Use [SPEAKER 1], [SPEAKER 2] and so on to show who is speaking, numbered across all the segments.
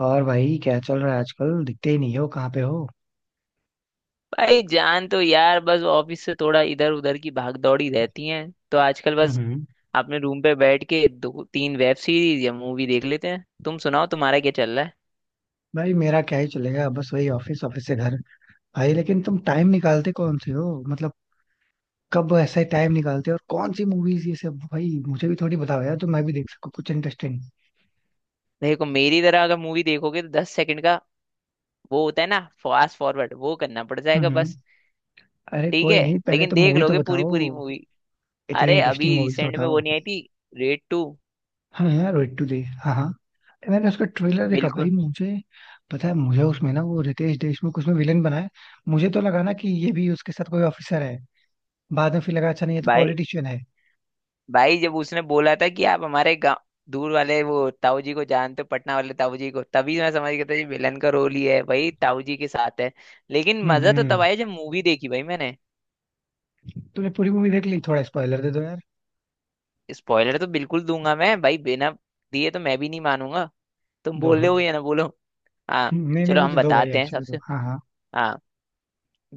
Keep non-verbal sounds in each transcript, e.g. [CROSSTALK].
[SPEAKER 1] और भाई क्या चल रहा है आजकल दिखते ही नहीं हो कहाँ पे हो?
[SPEAKER 2] भाई जान तो यार बस ऑफिस से थोड़ा इधर उधर की भाग दौड़ी रहती है। तो आजकल बस
[SPEAKER 1] हम्म।
[SPEAKER 2] अपने रूम पे बैठ के दो तीन वेब सीरीज या मूवी देख लेते हैं। तुम सुनाओ तुम्हारा क्या चल रहा है।
[SPEAKER 1] भाई मेरा क्या ही चलेगा, बस वही ऑफिस, ऑफिस से घर। भाई लेकिन तुम टाइम निकालते कौन से हो, मतलब कब ऐसा टाइम निकालते हो, और कौन सी मूवीज ये सब, भाई मुझे भी थोड़ी बताओ यार, तो मैं भी देख सकूँ कुछ इंटरेस्टिंग।
[SPEAKER 2] देखो मेरी तरह अगर मूवी देखोगे तो 10 सेकंड का वो होता है ना फास्ट फॉरवर्ड वो करना पड़ जाएगा
[SPEAKER 1] हम्म।
[SPEAKER 2] बस।
[SPEAKER 1] अरे
[SPEAKER 2] ठीक है
[SPEAKER 1] कोई नहीं, पहले
[SPEAKER 2] लेकिन
[SPEAKER 1] तो
[SPEAKER 2] देख
[SPEAKER 1] मूवी तो
[SPEAKER 2] लोगे पूरी
[SPEAKER 1] बताओ।
[SPEAKER 2] पूरी मूवी।
[SPEAKER 1] इतनी
[SPEAKER 2] अरे
[SPEAKER 1] इंटरेस्टिंग
[SPEAKER 2] अभी
[SPEAKER 1] मूवीज तो
[SPEAKER 2] रिसेंट में
[SPEAKER 1] बताओ।
[SPEAKER 2] वो नहीं आई थी, रेड टू।
[SPEAKER 1] हाँ यार, वेट टू डे, हाँ हाँ। मैंने उसका ट्रेलर देखा भाई,
[SPEAKER 2] बिल्कुल।
[SPEAKER 1] मुझे पता है, मुझे उसमें ना वो रितेश देशमुख उसमें विलेन बना है। मुझे तो लगा ना कि ये भी उसके साथ कोई ऑफिसर है, बाद में फिर लगा अच्छा नहीं, ये तो
[SPEAKER 2] भाई
[SPEAKER 1] पॉलिटिशियन है।
[SPEAKER 2] भाई जब उसने बोला था कि आप हमारे गाँव दूर वाले वो ताऊ जी को जानते हो, पटना वाले ताऊ जी को, तभी मैं समझ गया था ये विलन का रोल ही है, भाई ताऊ जी के साथ है। लेकिन मजा तो तब
[SPEAKER 1] हम्म।
[SPEAKER 2] आया जब मूवी देखी भाई मैंने।
[SPEAKER 1] तूने पूरी मूवी देख ली, थोड़ा स्पॉइलर दे दो यार।
[SPEAKER 2] स्पॉइलर तो बिल्कुल दूंगा मैं भाई, बिना दिए तो मैं भी नहीं मानूंगा। तुम
[SPEAKER 1] दो
[SPEAKER 2] बोले
[SPEAKER 1] दो।
[SPEAKER 2] हो या ना बोलो। हाँ।
[SPEAKER 1] नहीं नहीं,
[SPEAKER 2] चलो
[SPEAKER 1] मुझे
[SPEAKER 2] हम
[SPEAKER 1] दो भाई,
[SPEAKER 2] बताते हैं
[SPEAKER 1] एक्चुअली दो,
[SPEAKER 2] सबसे।
[SPEAKER 1] हाँ हाँ।
[SPEAKER 2] हाँ।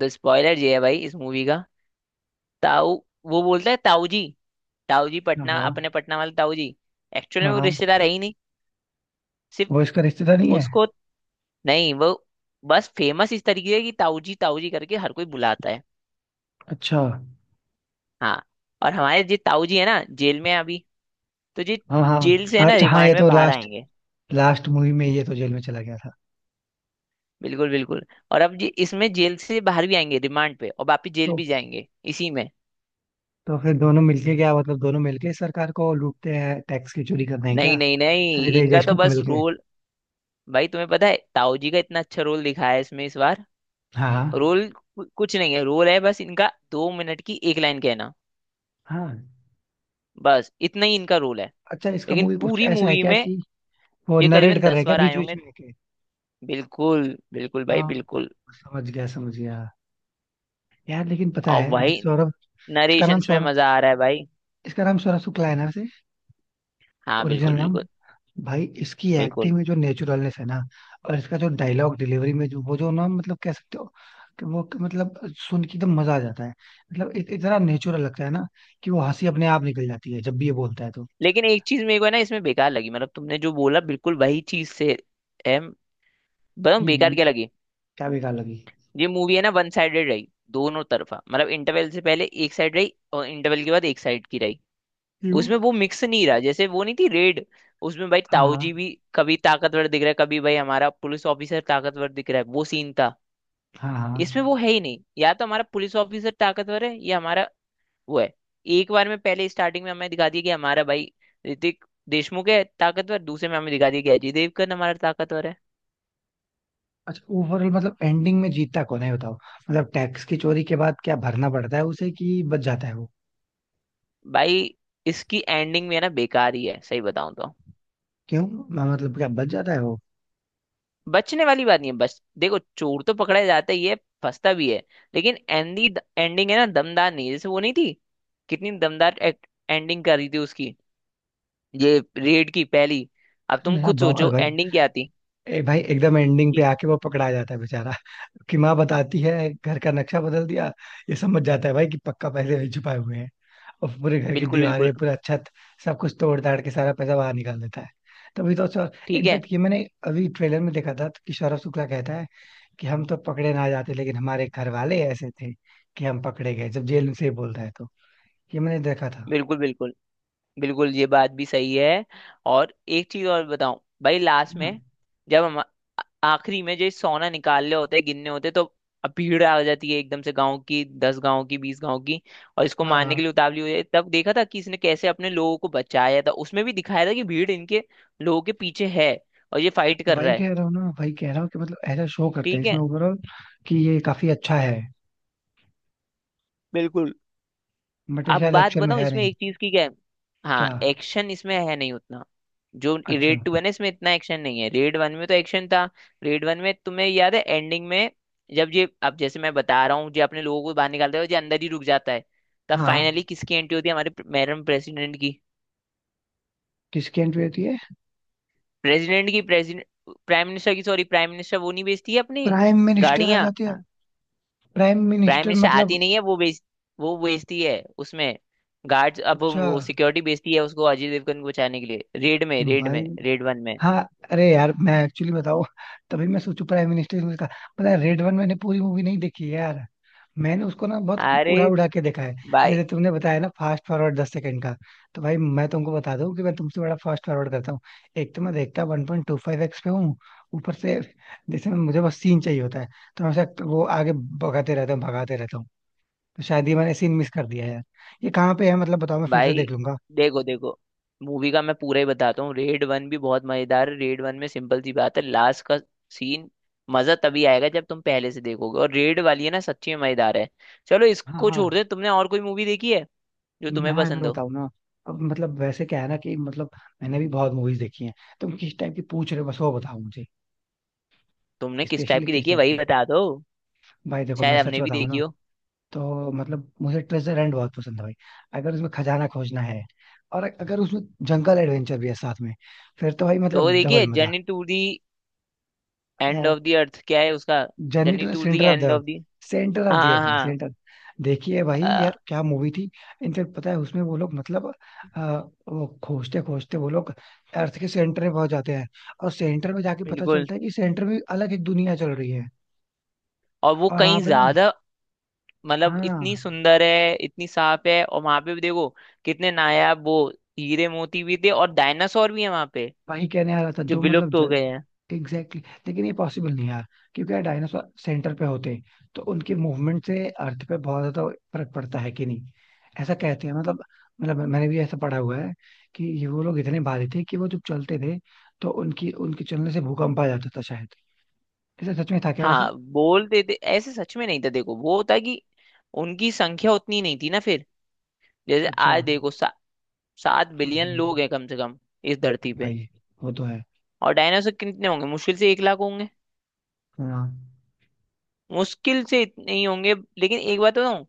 [SPEAKER 2] तो स्पॉइलर ये है भाई इस मूवी का। ताऊ, वो बोलता है ताऊ जी, ताऊ जी
[SPEAKER 1] हाँ
[SPEAKER 2] पटना,
[SPEAKER 1] हाँ।
[SPEAKER 2] अपने पटना वाले ताऊ जी। एक्चुअली
[SPEAKER 1] हाँ
[SPEAKER 2] में वो
[SPEAKER 1] हाँ।
[SPEAKER 2] रिश्तेदार है ही नहीं।
[SPEAKER 1] वो
[SPEAKER 2] सिर्फ
[SPEAKER 1] इसका रिश्तेदार नहीं है।
[SPEAKER 2] उसको, नहीं वो बस फेमस इस तरीके है कि ताऊजी ताऊजी करके हर कोई बुलाता है।
[SPEAKER 1] अच्छा,
[SPEAKER 2] हाँ। और हमारे जी ताऊजी है ना, जेल में है अभी। तो जी
[SPEAKER 1] हाँ
[SPEAKER 2] जेल से है
[SPEAKER 1] हाँ,
[SPEAKER 2] ना
[SPEAKER 1] अच्छा, हाँ
[SPEAKER 2] रिमांड
[SPEAKER 1] ये
[SPEAKER 2] में
[SPEAKER 1] तो
[SPEAKER 2] बाहर
[SPEAKER 1] लास्ट
[SPEAKER 2] आएंगे।
[SPEAKER 1] लास्ट मूवी में ये तो जेल में चला गया था।
[SPEAKER 2] बिल्कुल बिल्कुल। और अब जी इसमें जेल से बाहर भी आएंगे रिमांड पे, और वापिस जेल
[SPEAKER 1] तो
[SPEAKER 2] भी जाएंगे इसी में।
[SPEAKER 1] तो फिर दोनों मिलके क्या, मतलब दोनों मिलके सरकार को लूटते हैं, टैक्स की चोरी करते हैं
[SPEAKER 2] नहीं
[SPEAKER 1] क्या?
[SPEAKER 2] नहीं नहीं
[SPEAKER 1] हृदय
[SPEAKER 2] इनका तो
[SPEAKER 1] देशमुख
[SPEAKER 2] बस
[SPEAKER 1] मिलके?
[SPEAKER 2] रोल। भाई तुम्हें पता है ताऊ जी का इतना अच्छा रोल दिखाया है इसमें इस बार।
[SPEAKER 1] हाँ हाँ
[SPEAKER 2] रोल कुछ नहीं है, रोल है बस इनका 2 मिनट की एक लाइन कहना।
[SPEAKER 1] हाँ।
[SPEAKER 2] बस इतना ही इनका रोल है।
[SPEAKER 1] अच्छा, इसका
[SPEAKER 2] लेकिन
[SPEAKER 1] मूवी कुछ
[SPEAKER 2] पूरी
[SPEAKER 1] ऐसा है
[SPEAKER 2] मूवी
[SPEAKER 1] क्या
[SPEAKER 2] में
[SPEAKER 1] कि वो
[SPEAKER 2] ये
[SPEAKER 1] नरेट
[SPEAKER 2] करीबन
[SPEAKER 1] कर रहे हैं
[SPEAKER 2] दस
[SPEAKER 1] क्या
[SPEAKER 2] बार आए
[SPEAKER 1] बीच बीच
[SPEAKER 2] होंगे।
[SPEAKER 1] में के?
[SPEAKER 2] बिल्कुल बिल्कुल भाई
[SPEAKER 1] हाँ।
[SPEAKER 2] बिल्कुल।
[SPEAKER 1] समझ गया समझ गया। यार लेकिन पता
[SPEAKER 2] और
[SPEAKER 1] है ये
[SPEAKER 2] भाई
[SPEAKER 1] सौरभ, इसका नाम
[SPEAKER 2] नरेशंस में
[SPEAKER 1] सौरभ
[SPEAKER 2] मजा आ रहा है भाई।
[SPEAKER 1] इसका नाम सौरभ शुक्ला है ना, से
[SPEAKER 2] हाँ
[SPEAKER 1] ओरिजिनल
[SPEAKER 2] बिल्कुल
[SPEAKER 1] नाम।
[SPEAKER 2] बिल्कुल
[SPEAKER 1] भाई इसकी एक्टिंग
[SPEAKER 2] बिल्कुल।
[SPEAKER 1] में जो नेचुरलनेस है ना, और इसका जो डायलॉग डिलीवरी में जो वो जो ना, मतलब कह सकते हो कि वो कि मतलब सुन के एकदम मजा आ जाता है, मतलब इतना नेचुरल लगता है ना, कि वो हंसी अपने आप निकल जाती है जब भी ये बोलता है तो।
[SPEAKER 2] लेकिन एक चीज मेरे को है ना इसमें बेकार लगी, मतलब तुमने जो बोला बिल्कुल वही चीज से है। बताऊँ बेकार
[SPEAKER 1] हम्म।
[SPEAKER 2] क्या लगी।
[SPEAKER 1] क्या बेकार लगी?
[SPEAKER 2] ये मूवी है ना वन साइडेड रही। दोनों तरफा मतलब, इंटरवल से पहले एक साइड रही और इंटरवल के बाद एक साइड की रही।
[SPEAKER 1] यू।
[SPEAKER 2] उसमें वो मिक्स नहीं रहा, जैसे वो नहीं थी रेड, उसमें भाई ताऊ
[SPEAKER 1] हाँ
[SPEAKER 2] जी भी कभी ताकतवर दिख रहा है, कभी भाई हमारा पुलिस ऑफिसर ताकतवर दिख रहा है, वो सीन था।
[SPEAKER 1] हाँ हाँ।
[SPEAKER 2] इसमें वो है ही नहीं, या तो हमारा पुलिस ऑफिसर ताकतवर है या हमारा वो है। एक बार में पहले स्टार्टिंग में हमें दिखा दिया कि हमारा भाई ऋतिक देशमुख है ताकतवर, दूसरे में हमें दिखा दिया कि अजय देवगन हमारा ताकतवर है।
[SPEAKER 1] अच्छा, ओवरऑल मतलब एंडिंग में जीतता कौन है ये बताओ, मतलब टैक्स की चोरी के बाद क्या भरना पड़ता है उसे कि बच जाता है?
[SPEAKER 2] भाई इसकी एंडिंग भी है ना बेकार ही है सही बताऊं तो।
[SPEAKER 1] क्यों? मैं मतलब क्या बच जाता है वो?
[SPEAKER 2] बचने वाली बात नहीं है, बस देखो चोर तो पकड़ा जाता ही है, फंसता भी है। लेकिन एंडी एंडिंग है ना दमदार नहीं है। जैसे वो नहीं थी, कितनी दमदार एंडिंग कर रही थी उसकी, ये रेड की पहली। अब तुम
[SPEAKER 1] अरे हाँ,
[SPEAKER 2] खुद
[SPEAKER 1] बवाल
[SPEAKER 2] सोचो
[SPEAKER 1] भाई।
[SPEAKER 2] एंडिंग क्या थी
[SPEAKER 1] ए भाई, एकदम एंडिंग पे
[SPEAKER 2] कि।
[SPEAKER 1] आके वो पकड़ा जाता है बेचारा। [LAUGHS] कि माँ बताती है घर का नक्शा बदल दिया, ये समझ जाता है भाई कि पक्का पैसे वही छुपाए हुए हैं, और पूरे घर की
[SPEAKER 2] बिल्कुल बिल्कुल।
[SPEAKER 1] दीवारें, पूरा छत, सब कुछ तोड़ ताड़ के सारा पैसा बाहर निकाल देता है। तभी तो सर।
[SPEAKER 2] ठीक है।
[SPEAKER 1] इनफैक्ट ये मैंने अभी ट्रेलर में देखा था तो, कि सौरभ शुक्ला कहता है कि हम तो पकड़े ना जाते, लेकिन हमारे घर वाले ऐसे थे कि हम पकड़े गए, जब जेल से बोलता है तो। ये मैंने देखा था।
[SPEAKER 2] बिल्कुल बिल्कुल बिल्कुल ये बात भी सही है। और एक चीज और बताऊं, भाई लास्ट
[SPEAKER 1] हाँ
[SPEAKER 2] में जब हम आखिरी में जो सोना निकालने होते हैं गिनने होते हैं, तो अब भीड़ आ जाती है एकदम से, गांव की दस, गांव की बीस, गांव की, और इसको मारने के
[SPEAKER 1] हाँ।
[SPEAKER 2] लिए उतावली हो जाती है। तब देखा था कि इसने कैसे अपने लोगों को बचाया था, उसमें भी दिखाया था कि भीड़ इनके लोगों के पीछे है और ये फाइट कर
[SPEAKER 1] वही
[SPEAKER 2] रहा है।
[SPEAKER 1] कह रहा हूँ ना, वही कह रहा हूँ कि मतलब ऐसा शो करते हैं
[SPEAKER 2] ठीक है।
[SPEAKER 1] इसमें ओवरऑल कि ये काफी अच्छा है,
[SPEAKER 2] बिल्कुल।
[SPEAKER 1] बट ये
[SPEAKER 2] अब
[SPEAKER 1] शायद
[SPEAKER 2] बात
[SPEAKER 1] एक्चुअल में
[SPEAKER 2] बताऊं
[SPEAKER 1] है
[SPEAKER 2] इसमें
[SPEAKER 1] नहीं।
[SPEAKER 2] एक चीज की क्या है। हाँ,
[SPEAKER 1] क्या?
[SPEAKER 2] एक्शन इसमें है नहीं उतना। जो
[SPEAKER 1] अच्छा,
[SPEAKER 2] रेड टू है ना इसमें इतना एक्शन नहीं है, रेड वन में तो एक्शन था। रेड वन में तुम्हें याद है एंडिंग में, जब ये अब जैसे मैं बता रहा हूँ जो अपने लोगों को बाहर निकालते हैं, जो अंदर ही रुक जाता है, तब
[SPEAKER 1] हाँ,
[SPEAKER 2] फाइनली किसकी एंट्री होती है, हमारे मैडम प्रेसिडेंट की
[SPEAKER 1] किसकी एंट्री होती है?
[SPEAKER 2] प्रेसिडेंट की प्रेसिडेंट प्राइम मिनिस्टर की, सॉरी प्राइम मिनिस्टर। वो नहीं बेचती है अपनी
[SPEAKER 1] प्राइम मिनिस्टर आ
[SPEAKER 2] गाड़ियां।
[SPEAKER 1] जाते हैं? प्राइम
[SPEAKER 2] प्राइम
[SPEAKER 1] मिनिस्टर
[SPEAKER 2] मिनिस्टर आती
[SPEAKER 1] मतलब?
[SPEAKER 2] नहीं है, वो बेचती है उसमें गार्ड्स। अब
[SPEAKER 1] अच्छा
[SPEAKER 2] वो सिक्योरिटी बेचती है उसको अजय देवगन को बचाने के लिए, रेड में रेड
[SPEAKER 1] भाई,
[SPEAKER 2] में रेड वन में।
[SPEAKER 1] हाँ, अरे यार मैं एक्चुअली बताऊँ, तभी मैं सोचू प्राइम मिनिस्टर मूवी का, पता है रेड वन मैंने पूरी मूवी नहीं देखी है यार, मैंने उसको ना बहुत
[SPEAKER 2] अरे
[SPEAKER 1] उड़ा उड़ा के देखा है।
[SPEAKER 2] भाई,
[SPEAKER 1] जैसे तुमने बताया ना, फास्ट फॉरवर्ड 10 सेकंड का, तो भाई मैं तुमको बता दूं कि मैं तुमसे बड़ा फास्ट फॉरवर्ड करता हूँ। एक तो मैं देखता 1.25x पे हूँ, ऊपर से जैसे मैं, मुझे बस सीन चाहिए होता है, तो मैं ऐसा वो आगे भगाते रहता हूँ भगाते रहता हूँ। तो शायद ये मैंने सीन मिस कर दिया है यार, ये कहाँ पे है मतलब बताओ, मैं फिर से देख
[SPEAKER 2] भाई
[SPEAKER 1] लूंगा।
[SPEAKER 2] देखो देखो, मूवी का मैं पूरा ही बताता हूँ। रेड वन भी बहुत मजेदार है। रेड वन में सिंपल सी बात है, लास्ट का सीन मजा तभी आएगा जब तुम पहले से देखोगे, और रेड वाली है ना सच्ची में मजेदार है। चलो
[SPEAKER 1] हाँ
[SPEAKER 2] इसको छोड़
[SPEAKER 1] हाँ।
[SPEAKER 2] दे, तुमने और कोई मूवी देखी है जो
[SPEAKER 1] मैं
[SPEAKER 2] तुम्हें
[SPEAKER 1] अगर
[SPEAKER 2] पसंद हो।
[SPEAKER 1] बताऊँ ना, अब मतलब वैसे क्या है ना कि मतलब मैंने भी बहुत मूवीज देखी हैं, तुम किस टाइप की पूछ रहे हो बस वो बताओ मुझे,
[SPEAKER 2] तुमने किस टाइप
[SPEAKER 1] स्पेशली
[SPEAKER 2] की
[SPEAKER 1] किस
[SPEAKER 2] देखी है
[SPEAKER 1] टाइप
[SPEAKER 2] वही
[SPEAKER 1] की।
[SPEAKER 2] बता दो,
[SPEAKER 1] भाई देखो मैं
[SPEAKER 2] शायद
[SPEAKER 1] सच
[SPEAKER 2] हमने भी
[SPEAKER 1] बताऊँ
[SPEAKER 2] देखी
[SPEAKER 1] ना,
[SPEAKER 2] हो।
[SPEAKER 1] तो मतलब मुझे ट्रेजर हंट बहुत पसंद है भाई, अगर उसमें खजाना खोजना है, और अगर उसमें जंगल एडवेंचर भी है साथ में, फिर तो भाई
[SPEAKER 2] तो वो
[SPEAKER 1] मतलब डबल
[SPEAKER 2] देखिए
[SPEAKER 1] मजा।
[SPEAKER 2] Journey to the end of the earth, क्या है उसका,
[SPEAKER 1] journey
[SPEAKER 2] journey
[SPEAKER 1] to
[SPEAKER 2] to the
[SPEAKER 1] centre of the
[SPEAKER 2] end of
[SPEAKER 1] earth.
[SPEAKER 2] The.
[SPEAKER 1] Centre of the
[SPEAKER 2] हाँ
[SPEAKER 1] अर्थ भाई,
[SPEAKER 2] हाँ।
[SPEAKER 1] सेंटर। देखिए भाई
[SPEAKER 2] अ,
[SPEAKER 1] यार क्या मूवी थी। इनफेक्ट पता है उसमें वो लोग मतलब, अ, वो खोजते खोजते वो लोग अर्थ के सेंटर में पहुंच जाते हैं, और सेंटर में जाके पता
[SPEAKER 2] बिल्कुल।
[SPEAKER 1] चलता है कि सेंटर में अलग एक दुनिया चल रही है,
[SPEAKER 2] और वो
[SPEAKER 1] और
[SPEAKER 2] कहीं
[SPEAKER 1] वहां पे ना।
[SPEAKER 2] ज्यादा, मतलब इतनी
[SPEAKER 1] हाँ
[SPEAKER 2] सुंदर है, इतनी साफ है, और वहां पे भी देखो कितने नायाब वो हीरे मोती भी थे, और डायनासोर भी है वहां पे,
[SPEAKER 1] वही कहने आ रहा था
[SPEAKER 2] जो
[SPEAKER 1] जो मतलब
[SPEAKER 2] विलुप्त हो गए हैं।
[SPEAKER 1] Exactly exactly। लेकिन ये पॉसिबल नहीं है यार, क्योंकि यार डायनासोर सेंटर पे होते हैं, तो उनकी मूवमेंट से अर्थ पे बहुत ज्यादा फर्क पड़ता है कि नहीं, ऐसा कहते हैं, मतलब मतलब मैंने भी ऐसा पढ़ा हुआ है कि ये, वो लोग इतने भारी थे कि वो जब चलते थे, तो उनकी उनके चलने से भूकंप आ जाता था शायद। ऐसा सच में था क्या वैसे?
[SPEAKER 2] हाँ बोलते थे ऐसे, सच में नहीं था। देखो वो होता कि उनकी संख्या उतनी नहीं थी ना फिर। जैसे
[SPEAKER 1] अच्छा।
[SPEAKER 2] आज
[SPEAKER 1] हम्म।
[SPEAKER 2] देखो 7 बिलियन
[SPEAKER 1] हम्म।
[SPEAKER 2] लोग हैं कम से कम इस धरती पे।
[SPEAKER 1] भाई वो तो है।
[SPEAKER 2] और डायनासोर कितने होंगे, मुश्किल से 1 लाख होंगे,
[SPEAKER 1] हाँ
[SPEAKER 2] मुश्किल से इतने ही होंगे। लेकिन एक बात बताऊं,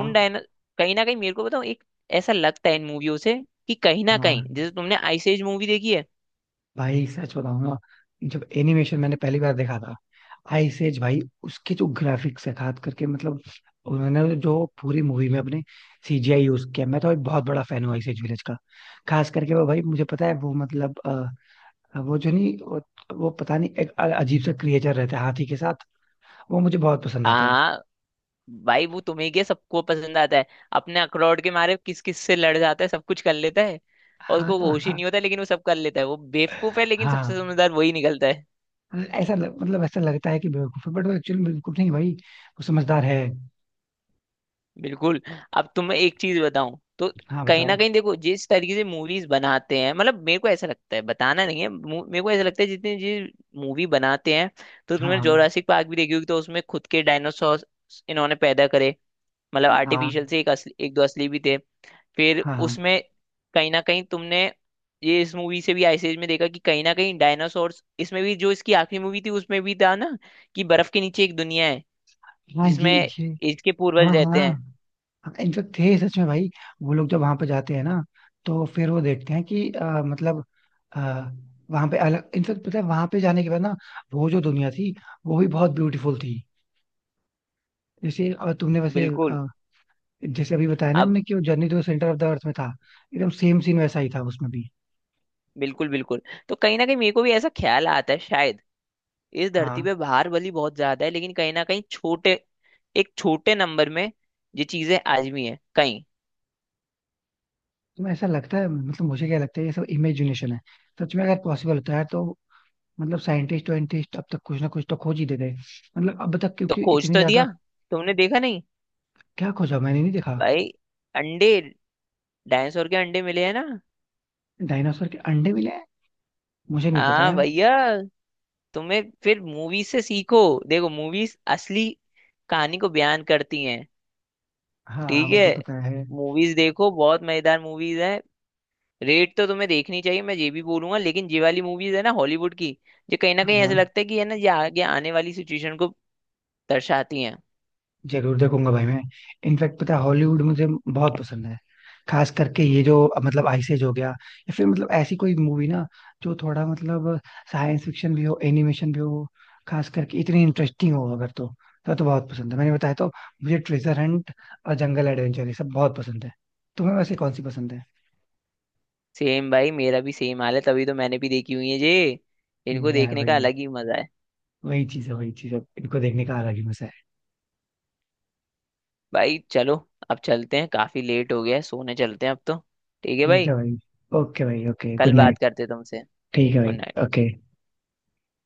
[SPEAKER 2] उन डायना कहीं ना कहीं मेरे को बताऊं, एक ऐसा लगता है इन मूवियों से कि कहीं ना
[SPEAKER 1] हाँ।
[SPEAKER 2] कहीं, जैसे तुमने आइस एज मूवी देखी है।
[SPEAKER 1] भाई सच बताऊं ना, जब एनिमेशन मैंने पहली बार देखा था, आइस एज, भाई उसके जो ग्राफिक्स है खास करके, मतलब उन्होंने जो पूरी मूवी में अपने सीजीआई यूज किया, मैं तो भाई बहुत बड़ा फैन हूँ आइस एज विलेज का। खास करके वो, भाई मुझे पता है वो, मतलब वो जो नहीं वो, वो पता नहीं एक अजीब सा क्रिएचर रहता है हाथी के साथ, वो मुझे बहुत पसंद आता है।
[SPEAKER 2] हाँ भाई वो तुम्हें क्या सबको पसंद आता है, अपने अखरोट के मारे किस किस से लड़ जाता है, सब कुछ कर लेता है, और
[SPEAKER 1] हाँ
[SPEAKER 2] उसको होश ही
[SPEAKER 1] हाँ
[SPEAKER 2] नहीं होता, लेकिन वो सब कर लेता है, वो बेवकूफ है लेकिन
[SPEAKER 1] हाँ।
[SPEAKER 2] सबसे समझदार वही निकलता है।
[SPEAKER 1] हाँ। मतलब ऐसा लगता है कि बेवकूफ है, बट वो एक्चुअली बेवकूफ नहीं भाई, वो समझदार है।
[SPEAKER 2] बिल्कुल। अब तुम, मैं एक चीज बताऊं तो,
[SPEAKER 1] हाँ
[SPEAKER 2] कहीं
[SPEAKER 1] बताओ।
[SPEAKER 2] ना कहीं देखो जिस तरीके से मूवीज बनाते हैं, मतलब मेरे को ऐसा लगता है, बताना नहीं है, मेरे को ऐसा लगता है जितनी जी मूवी बनाते हैं, तो
[SPEAKER 1] हाँ
[SPEAKER 2] तुमने
[SPEAKER 1] हाँ
[SPEAKER 2] जोरासिक पार्क भी देखी होगी, तो उसमें खुद के डायनासोर इन्होंने पैदा करे, मतलब
[SPEAKER 1] हाँ
[SPEAKER 2] आर्टिफिशियल से, एक असली, एक दो असली भी थे फिर
[SPEAKER 1] हाँ हाँ।
[SPEAKER 2] उसमें। कहीं ना कहीं तुमने ये इस मूवी से भी आइस एज में देखा कि कहीं ना कहीं डायनासोर, इसमें भी जो इसकी आखिरी मूवी थी उसमें भी था ना, कि बर्फ के नीचे एक दुनिया है
[SPEAKER 1] हाँ ये
[SPEAKER 2] जिसमें
[SPEAKER 1] ये
[SPEAKER 2] इसके
[SPEAKER 1] हाँ
[SPEAKER 2] पूर्वज रहते हैं।
[SPEAKER 1] हाँ। इनफेक्ट थे सच में भाई, वो लोग जब वहां पे जाते हैं ना, तो फिर वो देखते हैं कि मतलब आ, वहां पे अलग, इनफेक्ट पता है वहां पे जाने के बाद ना, वो जो दुनिया थी, वो भी बहुत ब्यूटीफुल थी। जैसे तुमने वैसे
[SPEAKER 2] बिल्कुल
[SPEAKER 1] जैसे अभी बताया ना
[SPEAKER 2] अब
[SPEAKER 1] हमने, कि वो journey to the centre of the earth में था, एकदम सेम सीन वैसा ही था उसमें भी।
[SPEAKER 2] बिल्कुल बिल्कुल। तो कहीं ना कहीं मेरे को भी ऐसा ख्याल आता है शायद। इस
[SPEAKER 1] हाँ।
[SPEAKER 2] धरती पे भार भली बहुत ज्यादा है, लेकिन कहीं ना कहीं छोटे, एक छोटे नंबर में ये चीजें आजमी है कहीं।
[SPEAKER 1] तो ऐसा लगता है, मतलब मुझे क्या लगता है, ये सब इमेजिनेशन है, सच में अगर पॉसिबल होता है तो मतलब साइंटिस्ट वाइंटिस्ट अब तक कुछ ना कुछ तो खोज ही देते हैं, मतलब अब तक,
[SPEAKER 2] तो
[SPEAKER 1] क्योंकि
[SPEAKER 2] खोज
[SPEAKER 1] इतनी
[SPEAKER 2] तो दिया,
[SPEAKER 1] ज्यादा।
[SPEAKER 2] तुमने देखा नहीं।
[SPEAKER 1] क्या खोजा? मैंने नहीं देखा।
[SPEAKER 2] भाई अंडे, डायनासोर के अंडे मिले हैं ना।
[SPEAKER 1] डायनासोर के अंडे मिले हैं? मुझे नहीं पता
[SPEAKER 2] हाँ
[SPEAKER 1] यार।
[SPEAKER 2] भैया तुम्हें फिर मूवी से सीखो। देखो मूवीज असली कहानी को बयान करती हैं।
[SPEAKER 1] हाँ
[SPEAKER 2] ठीक
[SPEAKER 1] वो
[SPEAKER 2] है।
[SPEAKER 1] तो पता है।
[SPEAKER 2] मूवीज देखो बहुत मजेदार मूवीज हैं। रेड तो तुम्हें देखनी चाहिए मैं ये भी बोलूंगा। लेकिन ये वाली मूवीज है ना हॉलीवुड की, ये कहीं ना
[SPEAKER 1] हाँ
[SPEAKER 2] कहीं
[SPEAKER 1] हाँ।
[SPEAKER 2] ऐसा लगता है कि है ना ये आगे आने वाली सिचुएशन को दर्शाती हैं।
[SPEAKER 1] जरूर देखूंगा भाई मैं, इनफैक्ट पता है हॉलीवुड मुझे बहुत पसंद है, खास करके ये जो, मतलब आइसेज हो गया, या फिर मतलब ऐसी कोई मूवी ना जो थोड़ा मतलब साइंस फिक्शन भी हो, एनिमेशन भी हो, खास करके इतनी इंटरेस्टिंग हो, अगर तो, तो बहुत पसंद है, मैंने बताया तो, मुझे ट्रेजर हंट और जंगल एडवेंचर ये सब बहुत पसंद है, तुम्हें वैसे कौन सी पसंद है?
[SPEAKER 2] सेम भाई, मेरा भी सेम हाल है तभी तो मैंने भी देखी हुई है ये। इनको
[SPEAKER 1] यार
[SPEAKER 2] देखने का
[SPEAKER 1] भाई
[SPEAKER 2] अलग ही मजा है।
[SPEAKER 1] वही चीज है, वही चीज है, इनको देखने का अलग ही मजा है।
[SPEAKER 2] भाई चलो अब चलते हैं, काफी लेट हो गया है, सोने चलते हैं अब तो। ठीक है
[SPEAKER 1] ठीक है
[SPEAKER 2] भाई,
[SPEAKER 1] भाई, ओके भाई, ओके गुड
[SPEAKER 2] कल बात
[SPEAKER 1] नाइट।
[SPEAKER 2] करते हैं तुमसे।
[SPEAKER 1] ठीक है
[SPEAKER 2] गुड
[SPEAKER 1] भाई,
[SPEAKER 2] नाइट।
[SPEAKER 1] ओके।